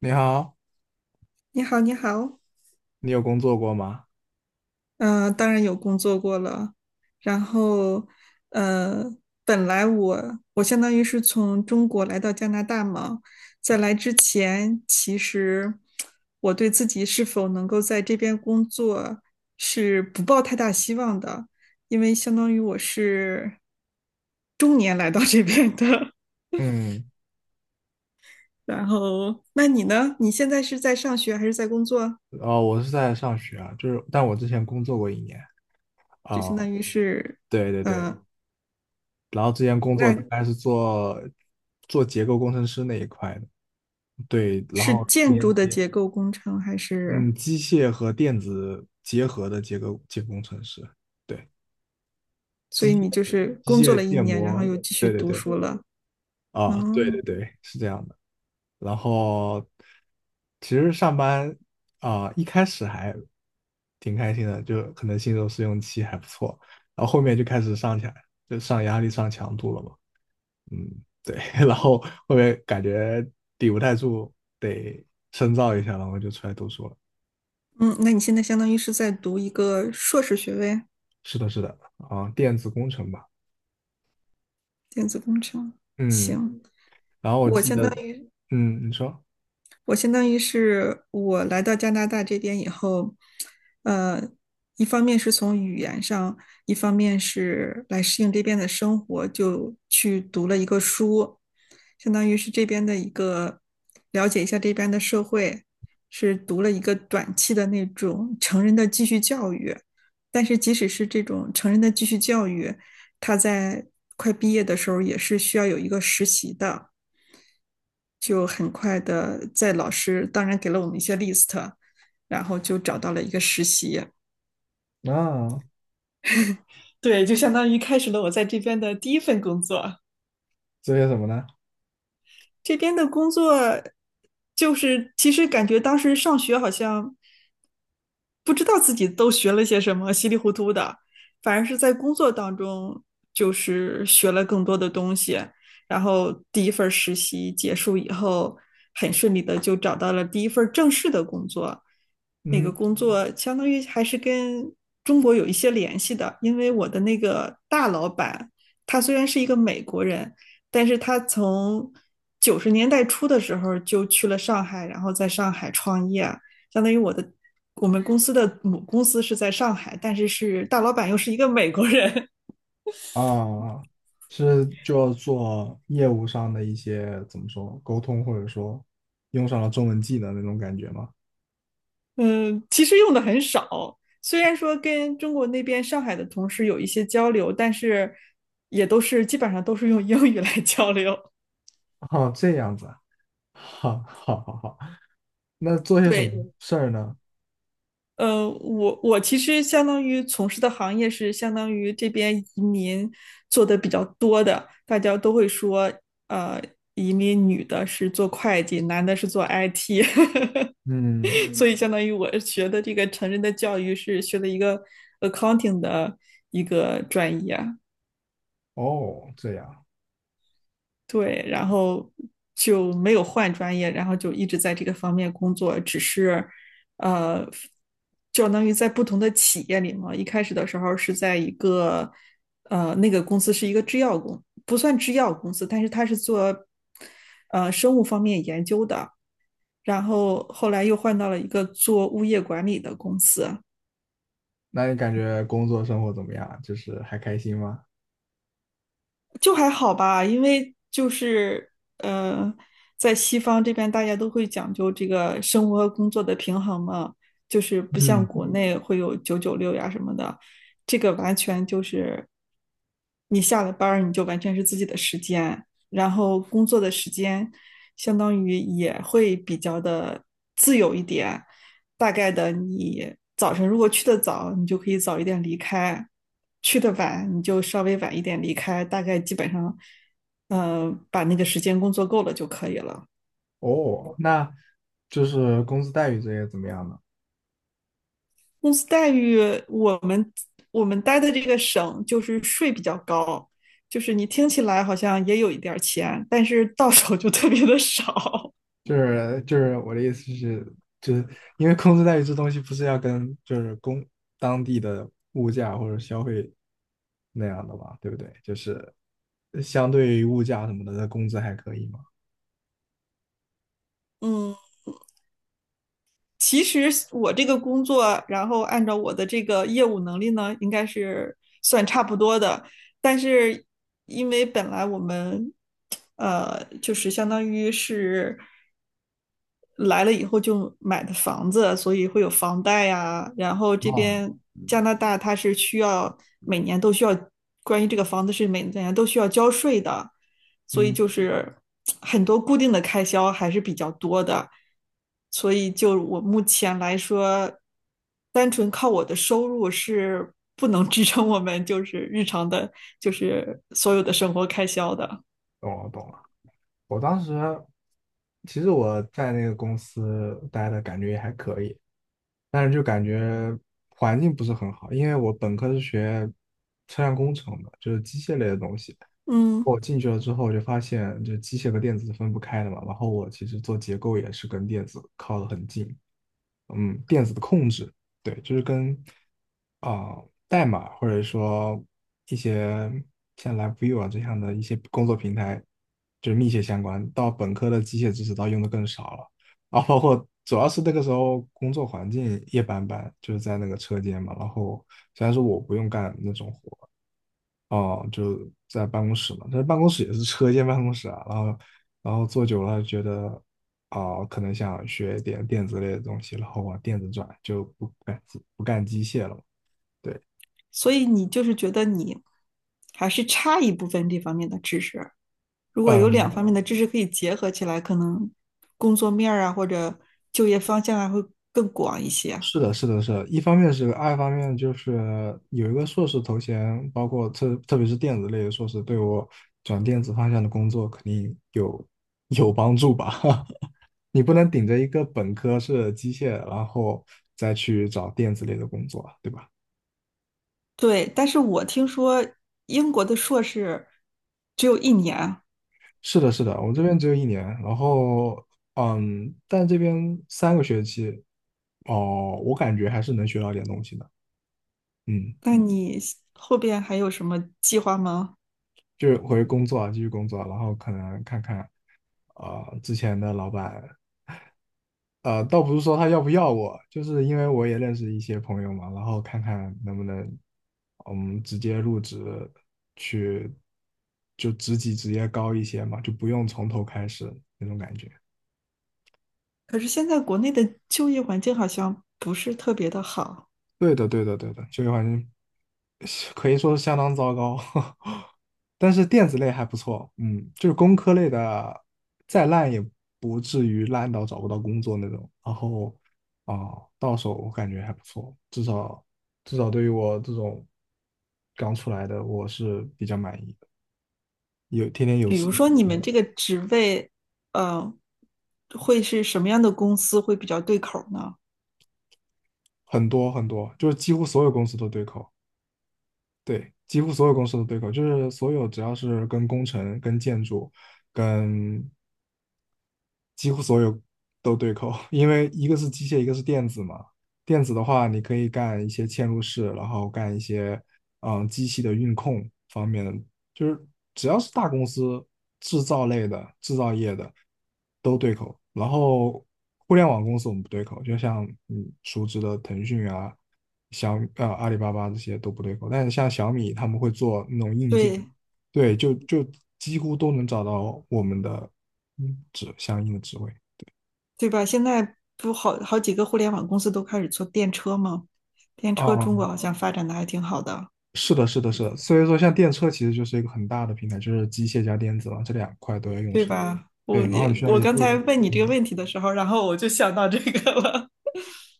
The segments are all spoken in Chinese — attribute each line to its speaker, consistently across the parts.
Speaker 1: 你好，
Speaker 2: 你好，你好。
Speaker 1: 你有工作过吗？
Speaker 2: 嗯、当然有工作过了。然后，呃，本来我相当于是从中国来到加拿大嘛。在来之前，其实我对自己是否能够在这边工作是不抱太大希望的，因为相当于我是中年来到这边的。
Speaker 1: 嗯，
Speaker 2: 然后，那你呢？你现在是在上学还是在工作？
Speaker 1: 哦，我是在上学啊，就是，但我之前工作过一年
Speaker 2: 就
Speaker 1: 啊，
Speaker 2: 相当于是，
Speaker 1: 对对对，
Speaker 2: 嗯、
Speaker 1: 然后之前工作大
Speaker 2: 那
Speaker 1: 概是做结构工程师那一块的，对，然
Speaker 2: 是
Speaker 1: 后
Speaker 2: 建
Speaker 1: 连
Speaker 2: 筑的
Speaker 1: 接，
Speaker 2: 结构工程还是？
Speaker 1: 嗯，机械和电子结合的结构工程师，对，
Speaker 2: 所以你就是
Speaker 1: 机
Speaker 2: 工作
Speaker 1: 械
Speaker 2: 了一
Speaker 1: 建
Speaker 2: 年，然后
Speaker 1: 模，
Speaker 2: 又继续
Speaker 1: 对对
Speaker 2: 读
Speaker 1: 对，
Speaker 2: 书了。
Speaker 1: 啊，对对
Speaker 2: 哦，
Speaker 1: 对，是这样的。然后其实上班一开始还挺开心的，就可能新手试用期还不错，然后后面就开始上起来，就上压力、上强度了嘛。嗯，对，然后后面感觉抵不太住，得深造一下，然后就出来读书了。
Speaker 2: 嗯，那你现在相当于是在读一个硕士学位，
Speaker 1: 是的，是的，啊，电子工程吧。
Speaker 2: 电子工程。
Speaker 1: 嗯，
Speaker 2: 行，
Speaker 1: 然后我
Speaker 2: 我
Speaker 1: 记
Speaker 2: 相当
Speaker 1: 得，
Speaker 2: 于
Speaker 1: 嗯，你说
Speaker 2: 我相当于是我来到加拿大这边以后，呃，一方面是从语言上，一方面是来适应这边的生活，就去读了一个书。相当于是这边的一个了解一下这边的社会，是读了一个短期的那种成人的继续教育。但是即使是这种成人的继续教育，他在快毕业的时候也是需要有一个实习的，就很快的在老师当然给了我们一些 list,然后就找到了一个实习。
Speaker 1: 啊，
Speaker 2: 对，就相当于开始了我在这边的第一份工作。
Speaker 1: 做些什么呢？
Speaker 2: 这边的工作就是其实感觉当时上学好像不知道自己都学了些什么，稀里糊涂的，反而是在工作当中就是学了更多的东西。然后第一份实习结束以后，很顺利的就找到了第一份正式的工作。那个
Speaker 1: 嗯。
Speaker 2: 工作相当于还是跟中国有一些联系的，因为我的那个大老板，他虽然是一个美国人，但是他从九十年代初的时候就去了上海，然后在上海创业。相当于我们公司的母公司是在上海，但是是大老板又是一个美国人。
Speaker 1: 啊，是就要做业务上的一些怎么说沟通，或者说用上了中文技能那种感觉吗？
Speaker 2: 嗯，其实用的很少。虽然说跟中国那边上海的同事有一些交流，但是也都是基本上都是用英语来交流。
Speaker 1: 哦，这样子哈，好，好，好，好，好。那做 些什么
Speaker 2: 对，
Speaker 1: 事儿呢？
Speaker 2: 我其实相当于从事的行业是相当于这边移民做的比较多的，大家都会说，呃，移民女的是做会计，男的是做 IT。
Speaker 1: 嗯，
Speaker 2: 所以嗯相当于我学的这个成人的教育是学的一个 accounting 的一个专业。
Speaker 1: 哦，这样。
Speaker 2: 对，然后就没有换专业，然后就一直在这个方面工作，只是呃，相当于在不同的企业里嘛。一开始的时候是在一个那个公司是一个制药公，不算制药公司，但是他是做生物方面研究的。然后后来又换到了一个做物业管理的公司。
Speaker 1: 那你感觉工作生活怎么样？就是还开心吗？
Speaker 2: 就还好吧，因为就是呃，在西方这边大家都会讲究这个生活和工作的平衡嘛，就是不像
Speaker 1: 嗯，
Speaker 2: 国内会有九九六呀什么的。这个完全就是你下了班儿你就完全是自己的时间，然后工作的时间相当于也会比较的自由一点，大概的你早晨如果去的早，你就可以早一点离开；去的晚，你就稍微晚一点离开。大概基本上，嗯，把那个时间工作够了就可以了。
Speaker 1: 哦，那就是工资待遇这些怎么样呢？
Speaker 2: 公司待遇，我们我们待的这个省就是税比较高，就是你听起来好像也有一点钱，但是到手就特别的少。
Speaker 1: 就是我的意思是，就是因为工资待遇这东西不是要跟就是当地的物价或者消费那样的嘛，对不对？就是相对于物价什么的，那工资还可以嘛。
Speaker 2: 嗯。其实我这个工作，然后按照我的这个业务能力呢，应该是算差不多的。但是因为本来我们，就是相当于是来了以后就买的房子，所以会有房贷呀。然后这
Speaker 1: 啊，
Speaker 2: 边加拿大它是需要每年都需要关于这个房子是每年都需要交税的，所以
Speaker 1: 嗯，
Speaker 2: 就是很多固定的开销还是比较多的。所以就我目前来说，单纯靠我的收入是不能支撑我们就是日常的，就是所有的生活开销的。
Speaker 1: 懂了懂了。我当时其实我在那个公司待的感觉也还可以，但是就感觉环境不是很好，因为我本科是学车辆工程的，就是机械类的东西。
Speaker 2: 嗯，
Speaker 1: 我进去了之后，我就发现这机械和电子是分不开的嘛。然后我其实做结构也是跟电子靠得很近，嗯，电子的控制，对，就是跟啊、代码或者说一些像 LabVIEW 啊这样的一些工作平台，就是密切相关。到本科的机械知识倒用的更少了，啊，包括主要是那个时候工作环境一般般，就是在那个车间嘛。然后虽然说我不用干那种活，哦，就在办公室嘛，但是办公室也是车间办公室啊，然后坐久了觉得，可能想学点电子类的东西，然后往电子转，就不干不干机械了嘛对，
Speaker 2: 所以你就是觉得你还是差一部分这方面的知识。如果
Speaker 1: 哦
Speaker 2: 有两
Speaker 1: 嗯，
Speaker 2: 方面的知识可以结合起来，可能工作面啊或者就业方向啊会更广一些。
Speaker 1: 是的，是的，是的，一方面是爱，二方面就是有一个硕士头衔，包括特别是电子类的硕士，对我转电子方向的工作肯定有帮助吧。你不能顶着一个本科是机械，然后再去找电子类的工作啊，对吧？
Speaker 2: 对，但是我听说英国的硕士只有一年，
Speaker 1: 是的，是的，我这边只有一年，然后嗯，但这边三个学期，哦，我感觉还是能学到点东西的，嗯。
Speaker 2: 那你后边还有什么计划吗？
Speaker 1: 就是回工作啊，继续工作啊，然后可能看看，之前的老板，倒不是说他要不要我，就是因为我也认识一些朋友嘛，然后看看能不能，嗯，直接入职去，就职级直接高一些嘛，就不用从头开始那种感觉。
Speaker 2: 可是现在国内的就业环境好像不是特别的好。
Speaker 1: 对的，对的，对的，就业环境可以说是相当糟糕，但是电子类还不错，嗯，就是工科类的再烂也不至于烂到找不到工作那种。然后啊，到手我感觉还不错，至少对于我这种刚出来的，我是比较满意的。有天天有
Speaker 2: 比
Speaker 1: 吃，
Speaker 2: 如说你们这个职位，呃，会是什么样的公司会比较对口呢？
Speaker 1: 很多很多，就是几乎所有公司都对口，对，几乎所有公司都对口，就是所有只要是跟工程、跟建筑。跟几乎所有都对口，因为一个是机械，一个是电子嘛。电子的话，你可以干一些嵌入式，然后干一些嗯机器的运控方面的，就是只要是大公司制造类的、制造业的都对口。然后互联网公司我们不对口，就像你熟知的腾讯啊、阿里巴巴这些都不对口，但是像小米他们会做那种硬件。
Speaker 2: 对，
Speaker 1: 对，就几乎都能找到我们的嗯，指相应的职位。
Speaker 2: 对吧？现在不好好几个互联网公司都开始做电车吗？电车中国
Speaker 1: 嗯，
Speaker 2: 好像发展的还挺好的。
Speaker 1: 是的，是的，是的。所以说，像电车其实就是一个很大的平台，就是机械加电子嘛，这两块都要用
Speaker 2: 对
Speaker 1: 上。
Speaker 2: 吧？
Speaker 1: 对，然后你去那
Speaker 2: 我
Speaker 1: 里
Speaker 2: 刚
Speaker 1: 做
Speaker 2: 才
Speaker 1: 个，
Speaker 2: 问你这个
Speaker 1: 嗯，
Speaker 2: 问题的时候，然后我就想到这个了。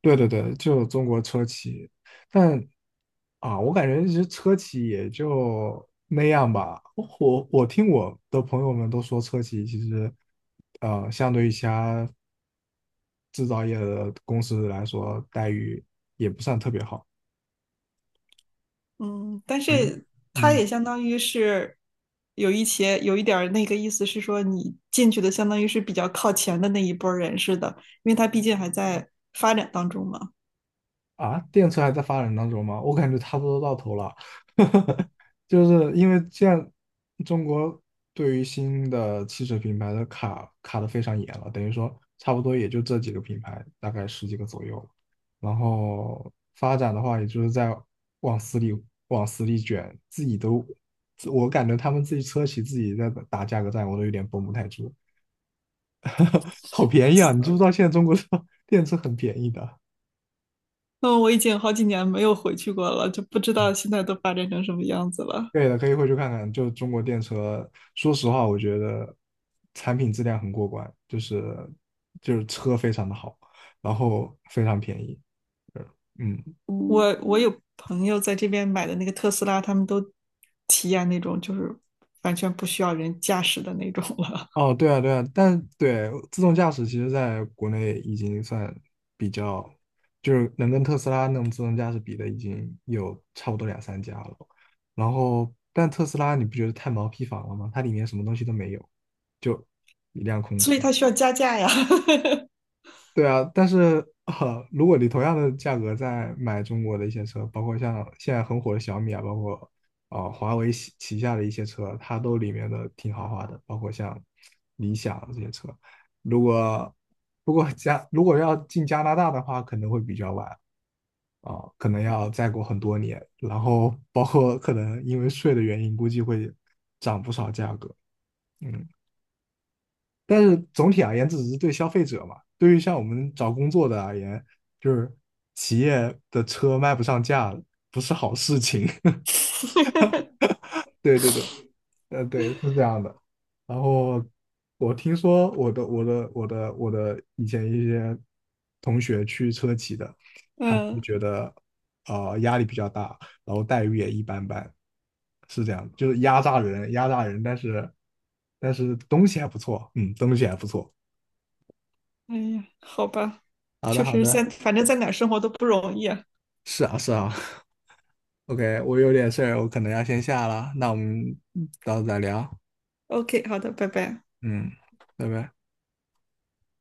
Speaker 1: 对对对，就中国车企，但啊，我感觉其实车企也就那样吧。我听我的朋友们都说，车企其实，相对于其他制造业的公司来说，待遇也不算特别好。
Speaker 2: 嗯，但
Speaker 1: 可能。
Speaker 2: 是它
Speaker 1: 嗯，
Speaker 2: 也相当于是有一点儿那个意思是说，你进去的相当于是比较靠前的那一波人似的，因为它毕竟还在发展当中嘛。
Speaker 1: 啊，电车还在发展当中吗？我感觉差不多到头了，就是因为现在中国对于新的汽车品牌的卡卡的非常严了，等于说差不多也就这几个品牌，大概十几个左右。然后发展的话，也就是在往死里往死里卷，自己都，自我感觉他们自己车企自己在打价格战，我都有点绷不太住。好便宜啊！你知不知道现在中国车 电车很便宜的？
Speaker 2: 嗯，我已经好几年没有回去过了，就不知道现在都发展成什么样子了。
Speaker 1: 对的，可以回去看看。就中国电车，说实话，我觉得产品质量很过关，就是车非常的好，然后非常便宜。呃嗯，
Speaker 2: 我有朋友在这边买的那个特斯拉，他们都体验那种就是完全不需要人驾驶的那种了。
Speaker 1: 哦，对啊，对啊，但对自动驾驶，其实在国内已经算比较，就是能跟特斯拉那种自动驾驶比的，已经有差不多两三家了。然后，但特斯拉你不觉得太毛坯房了吗？它里面什么东西都没有，就一辆 空
Speaker 2: 所以
Speaker 1: 车。
Speaker 2: 他需要加价呀。
Speaker 1: 对啊，但是如果你同样的价格在买中国的一些车，包括像现在很火的小米啊，包括华为旗下的一些车，它都里面的挺豪华的，包括像理想这些车。如果不过加如果要进加拿大的话，可能会比较晚可能要再过很多年，然后包括可能因为税的原因，估计会涨不少价格。嗯，但是总体而言，这只是对消费者嘛。对于像我们找工作的而言，就是企业的车卖不上价，不是好事情。对对对，呃，对，是这样的。然后我听说我的以前一些同学去车企的，他们就
Speaker 2: 嗯，
Speaker 1: 觉得呃压力比较大，然后待遇也一般般，是这样，就是压榨人，压榨人，但是东西还不错，嗯，东西还不错。
Speaker 2: 哎呀，好吧，
Speaker 1: 好的，
Speaker 2: 确
Speaker 1: 好
Speaker 2: 实在
Speaker 1: 的。
Speaker 2: 反正在哪儿生活都不容易啊。
Speaker 1: 是啊，是啊。OK，我有点事儿，我可能要先下了，那我们到时候再聊。
Speaker 2: OK,好的，拜拜。
Speaker 1: 嗯，拜拜。